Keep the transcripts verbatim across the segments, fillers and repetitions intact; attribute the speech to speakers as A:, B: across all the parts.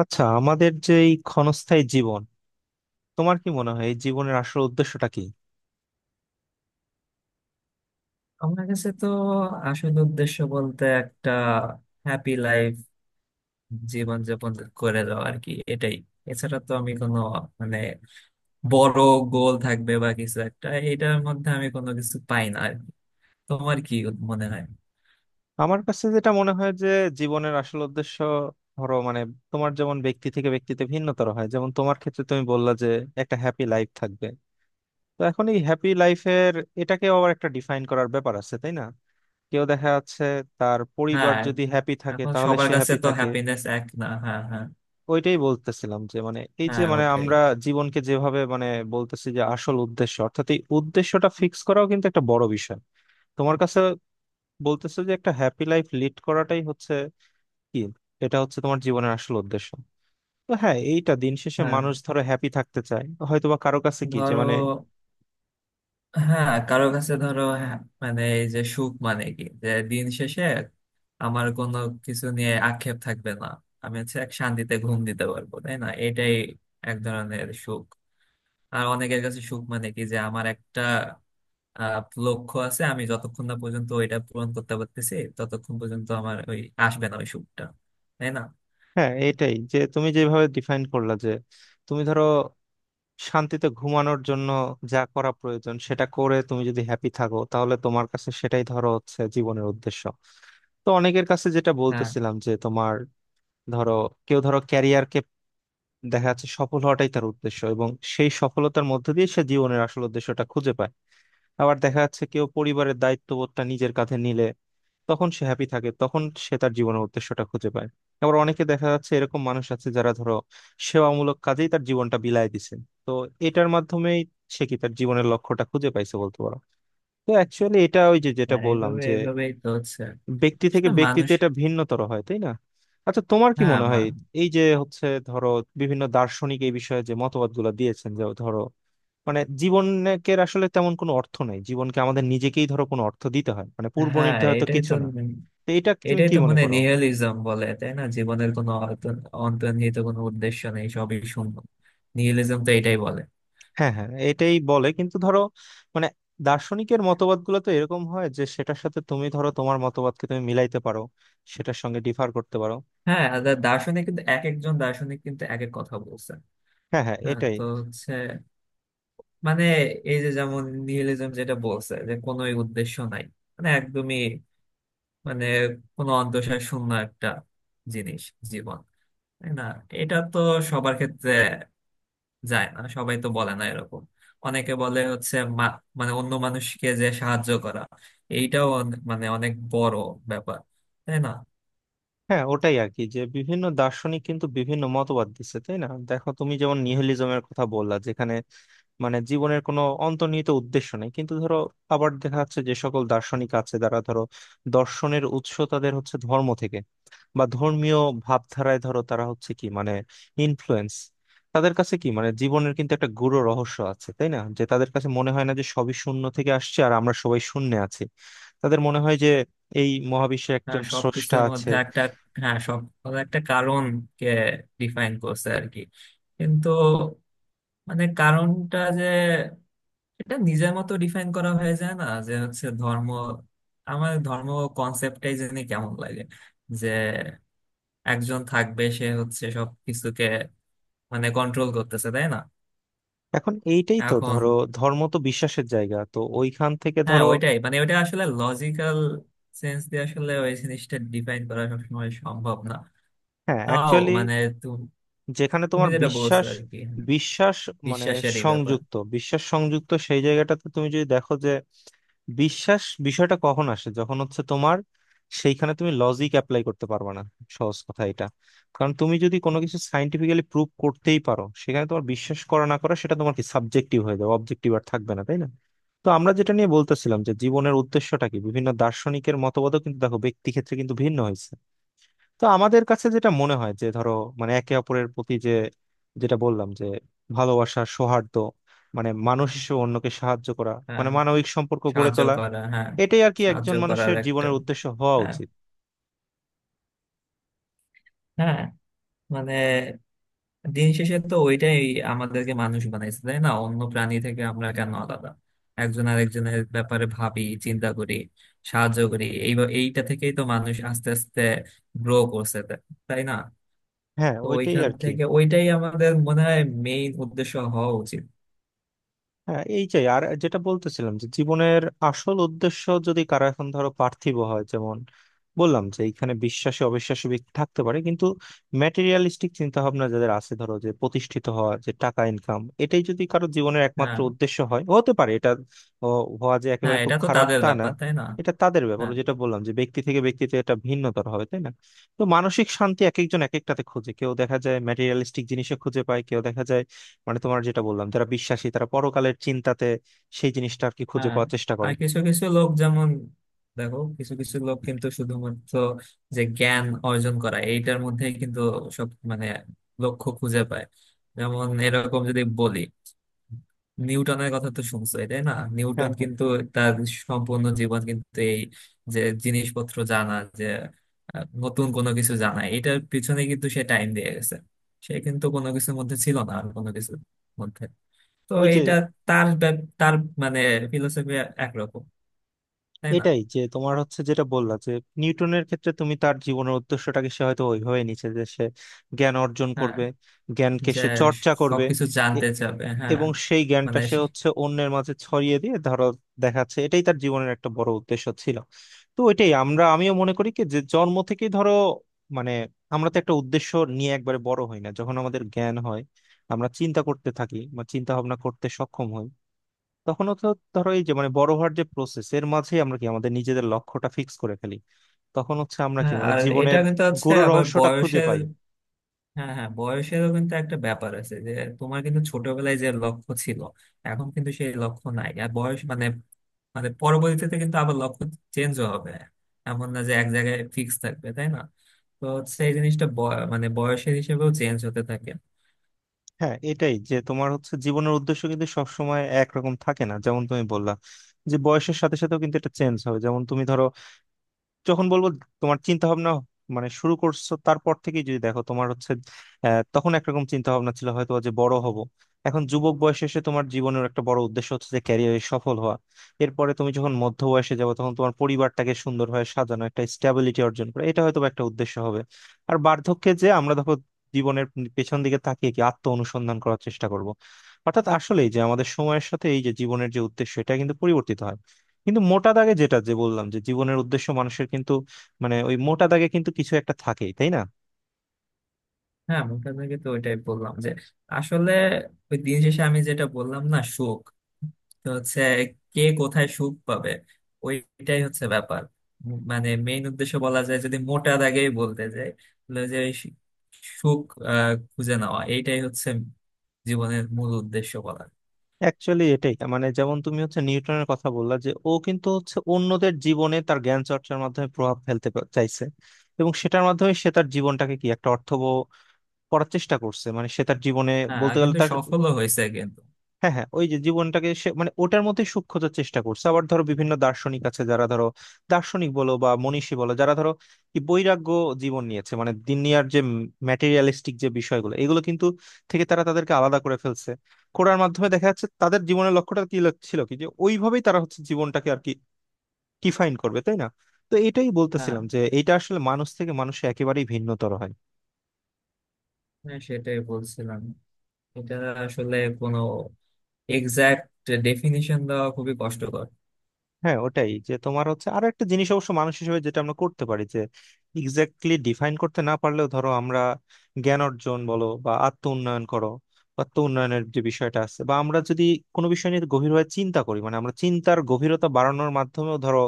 A: আচ্ছা, আমাদের যে এই ক্ষণস্থায়ী জীবন, তোমার কি মনে হয় এই জীবনের আসল উদ্দেশ্যটা কি?
B: আমার কাছে তো আসল উদ্দেশ্য বলতে একটা হ্যাপি লাইফ, জীবন যাপন করে যাওয়া আর কি। এটাই, এছাড়া তো আমি কোনো মানে বড় গোল থাকবে বা কিছু একটা এটার মধ্যে আমি কোনো কিছু পাই না আর কি। তোমার কি মনে হয়?
A: আমার কাছে যেটা মনে হয় যে জীবনের আসল উদ্দেশ্য, ধরো মানে তোমার যেমন ব্যক্তি থেকে ব্যক্তিতে ভিন্নতর হয়। যেমন তোমার ক্ষেত্রে তুমি বললা যে একটা হ্যাপি লাইফ থাকবে। তো এখন এই হ্যাপি লাইফের, এটাকে আবার একটা ডিফাইন করার ব্যাপার আছে, তাই না? কেউ দেখা যাচ্ছে তার পরিবার
B: হ্যাঁ,
A: যদি হ্যাপি থাকে
B: এখন
A: তাহলে
B: সবার
A: সে
B: কাছে
A: হ্যাপি
B: তো
A: থাকে।
B: হ্যাপিনেস এক না। হ্যাঁ হ্যাঁ,
A: ওইটাই বলতেছিলাম যে মানে এই যে
B: হ্যাঁ
A: মানে
B: ওটাই।
A: আমরা জীবনকে যেভাবে মানে বলতেছি যে আসল উদ্দেশ্য, অর্থাৎ এই উদ্দেশ্যটা ফিক্স করাও কিন্তু একটা বড় বিষয়। তোমার কাছে বলতেছে যে একটা হ্যাপি লাইফ লিড করাটাই হচ্ছে কি, এটা হচ্ছে তোমার জীবনের আসল উদ্দেশ্য। তো হ্যাঁ, এইটা দিন শেষে
B: হ্যাঁ
A: মানুষ ধরো হ্যাপি থাকতে চায়, হয়তোবা কারো কাছে কি যে
B: ধরো,
A: মানে।
B: হ্যাঁ কারো কাছে ধরো হ্যাঁ, মানে এই যে সুখ মানে কি, যে দিন শেষে আমার কোনো কিছু নিয়ে আক্ষেপ থাকবে না, আমি হচ্ছে এক শান্তিতে ঘুম দিতে পারবো, তাই না? এটাই এক ধরনের সুখ। আর অনেকের কাছে সুখ মানে কি, যে আমার একটা আহ, লক্ষ্য আছে, আমি যতক্ষণ না পর্যন্ত ওইটা পূরণ করতে পারতেছি ততক্ষণ পর্যন্ত আমার ওই আসবে না ওই সুখটা, তাই না?
A: হ্যাঁ, এইটাই যে তুমি যেভাবে ডিফাইন করলা যে তুমি ধরো শান্তিতে ঘুমানোর জন্য যা করা প্রয়োজন সেটা করে তুমি যদি হ্যাপি থাকো তাহলে তোমার কাছে সেটাই ধরো হচ্ছে জীবনের উদ্দেশ্য। তো অনেকের কাছে যেটা
B: হ্যাঁ,
A: বলতেছিলাম যে তোমার ধরো, কেউ ধরো ক্যারিয়ারকে দেখা যাচ্ছে সফল হওয়াটাই তার উদ্দেশ্য, এবং সেই সফলতার মধ্যে দিয়ে সে জীবনের আসল উদ্দেশ্যটা খুঁজে পায়। আবার দেখা যাচ্ছে কেউ পরিবারের দায়িত্ববোধটা নিজের কাঁধে নিলে তখন সে হ্যাপি থাকে, তখন সে তার জীবনের উদ্দেশ্যটা খুঁজে পায়। আবার অনেকে দেখা যাচ্ছে এরকম মানুষ আছে যারা ধরো সেবামূলক কাজেই তার জীবনটা বিলায় দিছে। তো এটার মাধ্যমেই সে কি তার জীবনের লক্ষ্যটা খুঁজে পাইছে বলতে পারো। তো অ্যাকচুয়ালি এটা ওই যে যেটা
B: হ্যাঁ
A: বললাম
B: এইভাবে
A: যে
B: এইভাবেই তো হচ্ছে
A: ব্যক্তি থেকে
B: আসলে
A: ব্যক্তিতে
B: মানুষ।
A: এটা ভিন্নতর হয়, তাই না? আচ্ছা, তোমার কি
B: হ্যাঁ
A: মনে হয়
B: মান,
A: এই যে হচ্ছে ধরো বিভিন্ন দার্শনিক এই বিষয়ে যে মতবাদগুলো দিয়েছেন যে ধরো মানে জীবনকে আসলে তেমন কোনো অর্থ নাই, জীবনকে আমাদের নিজেকেই ধরো কোনো অর্থ দিতে হয়, মানে পূর্ব
B: হ্যাঁ
A: নির্ধারিত
B: এটাই
A: কিছু
B: তো।
A: না। তো এটা তুমি
B: এটাই
A: কি
B: তো,
A: মনে
B: মানে
A: করো?
B: নিহিলিজম বলে তাই না, জীবনের কোনো অন্ত- অন্তর্নিহিত কোনো উদ্দেশ্য নেই, সবই শূন্য। নিহিলিজম তো এটাই বলে।
A: হ্যাঁ হ্যাঁ, এটাই বলে কিন্তু ধরো মানে দার্শনিকের মতবাদগুলো তো এরকম হয় যে সেটার সাথে তুমি ধরো তোমার মতবাদকে তুমি মিলাইতে পারো, সেটার সঙ্গে ডিফার করতে পারো।
B: হ্যাঁ, আর দার্শনিক কিন্তু এক একজন, দার্শনিক কিন্তু এক এক কথা বলছে।
A: হ্যাঁ হ্যাঁ
B: হ্যাঁ,
A: এটাই।
B: তো হচ্ছে মানে এই যে যেমন নিহিলিজম যেটা বলছে যে কোনো উদ্দেশ্য নাই, মানে একদমই, মানে কোনো অন্তঃসার শূন্য একটা জিনিস, জীবন, তাই না? এটা তো সবার ক্ষেত্রে যায় না, সবাই তো বলে না এরকম। অনেকে বলে হচ্ছে মা- মানে অন্য মানুষকে যে সাহায্য করা, এইটাও অনে- মানে অনেক বড় ব্যাপার, তাই না?
A: হ্যাঁ, ওটাই আর কি, যে বিভিন্ন দার্শনিক কিন্তু বিভিন্ন মতবাদ দিচ্ছে, তাই না? দেখো তুমি যেমন নিহিলিজমের কথা বললা যেখানে মানে জীবনের কোনো অন্তর্নিহিত উদ্দেশ্য নেই, কিন্তু ধরো আবার দেখা যাচ্ছে যে সকল দার্শনিক আছে যারা ধরো দর্শনের উৎস তাদের হচ্ছে ধর্ম থেকে, বা ধর্মীয় ভাবধারায় ধরো তারা হচ্ছে কি মানে ইনফ্লুয়েন্স। তাদের কাছে কি মানে জীবনের কিন্তু একটা গূঢ় রহস্য আছে, তাই না? যে তাদের কাছে মনে হয় না যে সবই শূন্য থেকে আসছে আর আমরা সবাই শূন্যে আছি। তাদের মনে হয় যে এই মহাবিশ্বে
B: হ্যাঁ
A: একজন স্রষ্টা
B: সবকিছুর
A: আছে।
B: মধ্যে একটা, হ্যাঁ সব মানে একটা কারণকে ডিফাইন করছে আর কি। কিন্তু মানে কারণটা যে এটা নিজের মতো ডিফাইন করা হয়ে যায় না, যে হচ্ছে ধর্ম। আমার ধর্ম কনসেপ্টটাই জানি কেমন লাগে, যে একজন থাকবে সে হচ্ছে সব কিছুকে মানে কন্ট্রোল করতেছে, তাই না?
A: এখন এইটাই তো
B: এখন
A: ধরো, ধর্ম তো বিশ্বাসের জায়গা, তো ওইখান থেকে
B: হ্যাঁ
A: ধরো।
B: ওইটাই, মানে ওইটা আসলে লজিক্যাল সেন্স দিয়ে আসলে ওই জিনিসটা ডিফাইন করা সবসময় সম্ভব না।
A: হ্যাঁ,
B: তাও
A: অ্যাকচুয়ালি
B: মানে তু-
A: যেখানে
B: তুমি
A: তোমার
B: যেটা বলছো
A: বিশ্বাস,
B: আর কি, হ্যাঁ,
A: বিশ্বাস মানে
B: বিশ্বাসেরই ব্যাপার।
A: সংযুক্ত, বিশ্বাস সংযুক্ত সেই জায়গাটাতে তুমি যদি দেখো যে বিশ্বাস বিষয়টা কখন আসে যখন হচ্ছে তোমার, সেইখানে তুমি লজিক অ্যাপ্লাই করতে পারবে না। সহজ কথা এটা। কারণ তুমি যদি কোনো কিছু সাইন্টিফিক্যালি প্রুভ করতেই পারো, সেখানে তোমার বিশ্বাস করা না করা সেটা তোমার কি সাবজেক্টিভ হয়ে যাবে, অবজেক্টিভ আর থাকবে না, তাই না? তো আমরা যেটা নিয়ে বলতেছিলাম যে জীবনের উদ্দেশ্যটা কি, বিভিন্ন দার্শনিকের মতবাদও কিন্তু দেখো ব্যক্তি ক্ষেত্রে কিন্তু ভিন্ন হয়েছে। তো আমাদের কাছে যেটা মনে হয় যে ধরো মানে একে অপরের প্রতি যে, যেটা বললাম যে ভালোবাসা, সৌহার্দ্য, মানে মানুষ হিসেবে অন্যকে সাহায্য করা, মানে
B: হ্যাঁ
A: মানবিক সম্পর্ক গড়ে
B: সাহায্য
A: তোলা,
B: করা, হ্যাঁ
A: এটাই আর কি
B: সাহায্য
A: একজন
B: করার
A: মানুষের
B: একটা,
A: জীবনের উদ্দেশ্য হওয়া
B: হ্যাঁ
A: উচিত।
B: হ্যাঁ, মানে দিন শেষে তো ওইটাই আমাদেরকে মানুষ বানাইছে, তাই না? অন্য প্রাণী থেকে আমরা কেন আলাদা, একজন আরেকজনের ব্যাপারে ভাবি, চিন্তা করি, সাহায্য করি। এই এইটা থেকেই তো মানুষ আস্তে আস্তে গ্রো করছে, তা- তাই না?
A: হ্যাঁ,
B: তো
A: ওইটাই
B: ওইখান
A: আর কি।
B: থেকে ওইটাই আমাদের মনে হয় মেইন উদ্দেশ্য হওয়া উচিত।
A: হ্যাঁ, এই যে আর যেটা বলতেছিলাম যে জীবনের আসল উদ্দেশ্য যদি কারো এখন ধরো পার্থিব হয়, যেমন বললাম যে এখানে বিশ্বাসী অবিশ্বাসী ব্যক্তি থাকতে পারে, কিন্তু ম্যাটেরিয়ালিস্টিক চিন্তা ভাবনা যাদের আছে ধরো, যে প্রতিষ্ঠিত হওয়া, যে টাকা ইনকাম, এটাই যদি কারো জীবনের একমাত্র
B: হ্যাঁ,
A: উদ্দেশ্য হয়, হতে পারে এটা। ও, হওয়া যে
B: হ্যাঁ
A: একেবারে খুব
B: এটা তো
A: খারাপ
B: তাদের
A: তা না।
B: ব্যাপার, তাই না?
A: এটা তাদের ব্যাপার, ও
B: হ্যাঁ।
A: যেটা বললাম যে ব্যক্তি থেকে ব্যক্তিতে এটা ভিন্নতর হবে, তাই না? তো মানসিক শান্তি এক একজন এক একটাতে খোঁজে। কেউ দেখা যায় ম্যাটেরিয়ালিস্টিক জিনিসে খুঁজে পায়, কেউ দেখা যায় মানে তোমার যেটা বললাম যারা বিশ্বাসী, তারা পরকালের চিন্তাতে সেই জিনিসটা আর কি খুঁজে
B: হ্যাঁ,
A: পাওয়ার চেষ্টা করে।
B: আর কিছু কিছু লোক যেমন, দেখো কিছু কিছু লোক কিন্তু শুধুমাত্র যে জ্ঞান অর্জন করা এইটার মধ্যে কিন্তু সব মানে লক্ষ্য খুঁজে পায়। যেমন এরকম যদি বলি, নিউটনের কথা তো শুনছোই তাই না?
A: হ্যাঁ
B: নিউটন
A: হ্যাঁ,
B: কিন্তু তার সম্পূর্ণ জীবন কিন্তু এই যে জিনিসপত্র জানা, যে আহ, নতুন কোনো কিছু জানা, এটার পিছনে কিন্তু সে টাইম দিয়ে গেছে। সে কিন্তু কোনো কিছুর মধ্যে ছিল না আর কোনো কিছুর মধ্যে। তো
A: ওই যে
B: এটা তার ব্যা- তার মানে ফিলোসফি একরকম, তাই না?
A: এটাই যে তোমার হচ্ছে যেটা বললা যে নিউটনের ক্ষেত্রে তুমি তার জীবনের উদ্দেশ্যটাকে, সে হয়তো ওইভাবে নিচ্ছে যে সে জ্ঞান অর্জন
B: হ্যাঁ
A: করবে, জ্ঞানকে
B: যে
A: সে চর্চা করবে
B: সবকিছু জানতে চাবে, হ্যাঁ
A: এবং সেই জ্ঞানটা
B: মানে
A: সে
B: সে,
A: হচ্ছে অন্যের মাঝে ছড়িয়ে দিয়ে ধরো দেখাচ্ছে, এটাই তার জীবনের একটা বড় উদ্দেশ্য ছিল। তো এটাই আমরা, আমিও মনে করি কি যে জন্ম থেকেই ধরো মানে আমরা তো একটা উদ্দেশ্য নিয়ে একবারে বড় হই না। যখন আমাদের জ্ঞান হয়, আমরা চিন্তা করতে থাকি বা চিন্তা ভাবনা করতে সক্ষম হই, তখন তো ধরো এই যে মানে বড় হওয়ার যে প্রসেস এর মাঝেই আমরা কি আমাদের নিজেদের লক্ষ্যটা ফিক্স করে ফেলি, তখন হচ্ছে আমরা কি
B: হ্যাঁ।
A: মানে
B: আর এটা
A: জীবনের
B: কিন্তু হচ্ছে
A: গূঢ়
B: আবার
A: রহস্যটা খুঁজে
B: বয়সের,
A: পাই।
B: হ্যাঁ হ্যাঁ বয়সেরও কিন্তু একটা ব্যাপার আছে যে তোমার কিন্তু ছোটবেলায় যে লক্ষ্য ছিল এখন কিন্তু সেই লক্ষ্য নাই। আর বয়স মানে মানে পরবর্তীতে কিন্তু আবার লক্ষ্য চেঞ্জও হবে, এমন না যে এক জায়গায় ফিক্স থাকবে, তাই না? তো হচ্ছে এই জিনিসটা বয়- মানে বয়সের হিসেবেও চেঞ্জ হতে থাকে।
A: হ্যাঁ, এটাই যে তোমার হচ্ছে জীবনের উদ্দেশ্য কিন্তু সবসময় একরকম থাকে না, যেমন তুমি বললা যে বয়সের সাথে সাথেও কিন্তু এটা চেঞ্জ হয়। যেমন তুমি ধরো যখন বলবো তোমার চিন্তা ভাবনা মানে শুরু করছো, তারপর থেকেই যদি দেখো তোমার হচ্ছে আহ, তখন একরকম চিন্তা ভাবনা ছিল হয়তো যে বড় হব। এখন যুবক বয়সে এসে তোমার জীবনের একটা বড় উদ্দেশ্য হচ্ছে যে ক্যারিয়ারে সফল হওয়া। এরপরে তুমি যখন মধ্য বয়সে যাবে, তখন তোমার পরিবারটাকে সুন্দরভাবে সাজানো, একটা স্টেবিলিটি অর্জন করা, এটা হয়তো বা একটা উদ্দেশ্য হবে। আর বার্ধক্যে যে আমরা দেখো জীবনের পেছন দিকে তাকিয়ে কি আত্ম অনুসন্ধান করার চেষ্টা করব। অর্থাৎ আসলেই যে আমাদের সময়ের সাথে এই যে জীবনের যে উদ্দেশ্য, এটা কিন্তু পরিবর্তিত হয়। কিন্তু মোটা দাগে যেটা, যে বললাম যে জীবনের উদ্দেশ্য মানুষের কিন্তু মানে ওই মোটা দাগে কিন্তু কিছু একটা থাকেই, তাই না?
B: হ্যাঁ আমি তো আপনাকে তো ওইটাই বললাম যে আসলে ওই দিন শেষে আমি যেটা বললাম না, সুখ, তো হচ্ছে কে কোথায় সুখ পাবে ওইটাই হচ্ছে ব্যাপার। উম, মানে মেইন উদ্দেশ্য বলা যায় যদি মোটা দাগেই বলতে যাই, তাহলে যে ওই সু- সুখ আহ, খুঁজে নেওয়া এইটাই হচ্ছে জীবনের মূল উদ্দেশ্য বলা যায়।
A: অ্যাকচুয়ালি এটাই মানে যেমন তুমি হচ্ছে নিউটনের কথা বললা যে ও কিন্তু হচ্ছে অন্যদের জীবনে তার জ্ঞান চর্চার মাধ্যমে প্রভাব ফেলতে পা- চাইছে, এবং সেটার মাধ্যমে সে তার জীবনটাকে কি একটা অর্থবহ করার চেষ্টা করছে, মানে সে তার জীবনে
B: হ্যাঁ আর
A: বলতে গেলে
B: কিন্তু
A: তার,
B: সফলও হয়েছে কিন্তু।
A: হ্যাঁ হ্যাঁ ওই যে জীবনটাকে সে মানে ওটার মধ্যে সুখ খোঁজার চেষ্টা করছে। আবার ধরো বিভিন্ন দার্শনিক আছে যারা ধরো দার্শনিক বলো বা মনীষী বলো, যারা ধরো কি বৈরাগ্য জীবন নিয়েছে, মানে দুনিয়ার যে ম্যাটেরিয়ালিস্টিক যে বিষয়গুলো এগুলো কিন্তু, থেকে তারা তাদেরকে আলাদা করে ফেলছে, করার মাধ্যমে দেখা যাচ্ছে তাদের জীবনের লক্ষ্যটা কি ল- ছিল, কি যে ওইভাবেই তারা হচ্ছে জীবনটাকে আর কি ডিফাইন করবে, তাই না? তো এটাই
B: হ্যাঁ
A: বলতেছিলাম যে এটা আসলে মানুষ থেকে মানুষে একেবারেই ভিন্নতর হয়।
B: হ্যাঁ, সেটাই বলছিলাম, এটা আসলে কোনো এক্সাক্ট ডেফিনিশন দেওয়া খুবই কষ্টকর।
A: হ্যাঁ, ওটাই যে তোমার হচ্ছে আরো একটা জিনিস অবশ্য মানুষ হিসেবে যেটা আমরা করতে পারি যে এক্স্যাক্টলি ডিফাইন করতে না পারলেও ধরো আমরা জ্ঞান অর্জন বলো বা আত্ম উন্নয়ন করো, বা আত্ম উন্নয়নের যে বিষয়টা আছে, বা আমরা যদি কোনো বিষয় নিয়ে গভীরভাবে চিন্তা করি, মানে আমরা চিন্তার গভীরতা বাড়ানোর মাধ্যমেও ধরো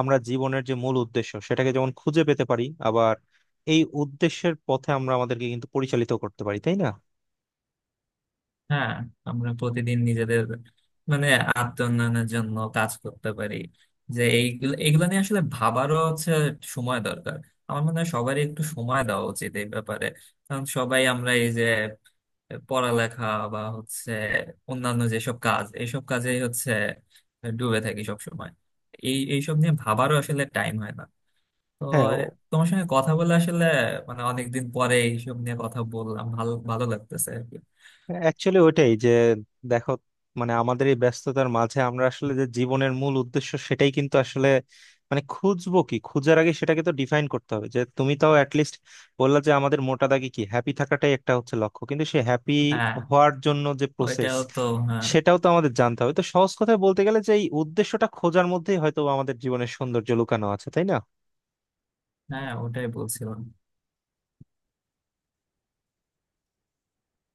A: আমরা জীবনের যে মূল উদ্দেশ্য সেটাকে যেমন খুঁজে পেতে পারি, আবার এই উদ্দেশ্যের পথে আমরা আমাদেরকে কিন্তু পরিচালিত করতে পারি, তাই না?
B: হ্যাঁ আমরা প্রতিদিন নিজেদের মানে আত্মোন্নয়নের জন্য কাজ করতে পারি। যে এইগুলো এগুলো নিয়ে আসলে ভাবারও হচ্ছে সময় দরকার। আমার মনে হয় সবারই একটু সময় দেওয়া উচিত এই ব্যাপারে, কারণ সবাই আমরা এই যে পড়ালেখা বা হচ্ছে অন্যান্য যেসব কাজ এইসব কাজেই হচ্ছে ডুবে থাকি সব সময়। এই এইসব নিয়ে ভাবারও আসলে টাইম হয় না। তো
A: হ্যাঁ,
B: তোমার সঙ্গে কথা বলে আসলে মানে অনেকদিন পরে এইসব নিয়ে কথা বললাম, ভালো ভালো লাগতেছে আর কি।
A: অ্যাকচুয়ালি ওইটাই যে দেখো মানে আমাদের এই ব্যস্ততার মাঝে আমরা আসলে যে জীবনের মূল উদ্দেশ্য সেটাই কিন্তু আসলে মানে খুঁজবো কি, খুঁজার আগে সেটাকে তো ডিফাইন করতে হবে। যে তুমি তাও অ্যাটলিস্ট বললা যে আমাদের মোটা দাগে কি হ্যাপি থাকাটাই একটা হচ্ছে লক্ষ্য, কিন্তু সে হ্যাপি
B: হ্যাঁ
A: হওয়ার জন্য যে প্রসেস
B: ওইটাও তো, হ্যাঁ
A: সেটাও তো আমাদের জানতে হবে। তো সহজ কথায় বলতে গেলে যে এই উদ্দেশ্যটা খোঁজার মধ্যেই হয়তো আমাদের জীবনের সৌন্দর্য লুকানো আছে, তাই না?
B: হ্যাঁ ওটাই বলছিলাম।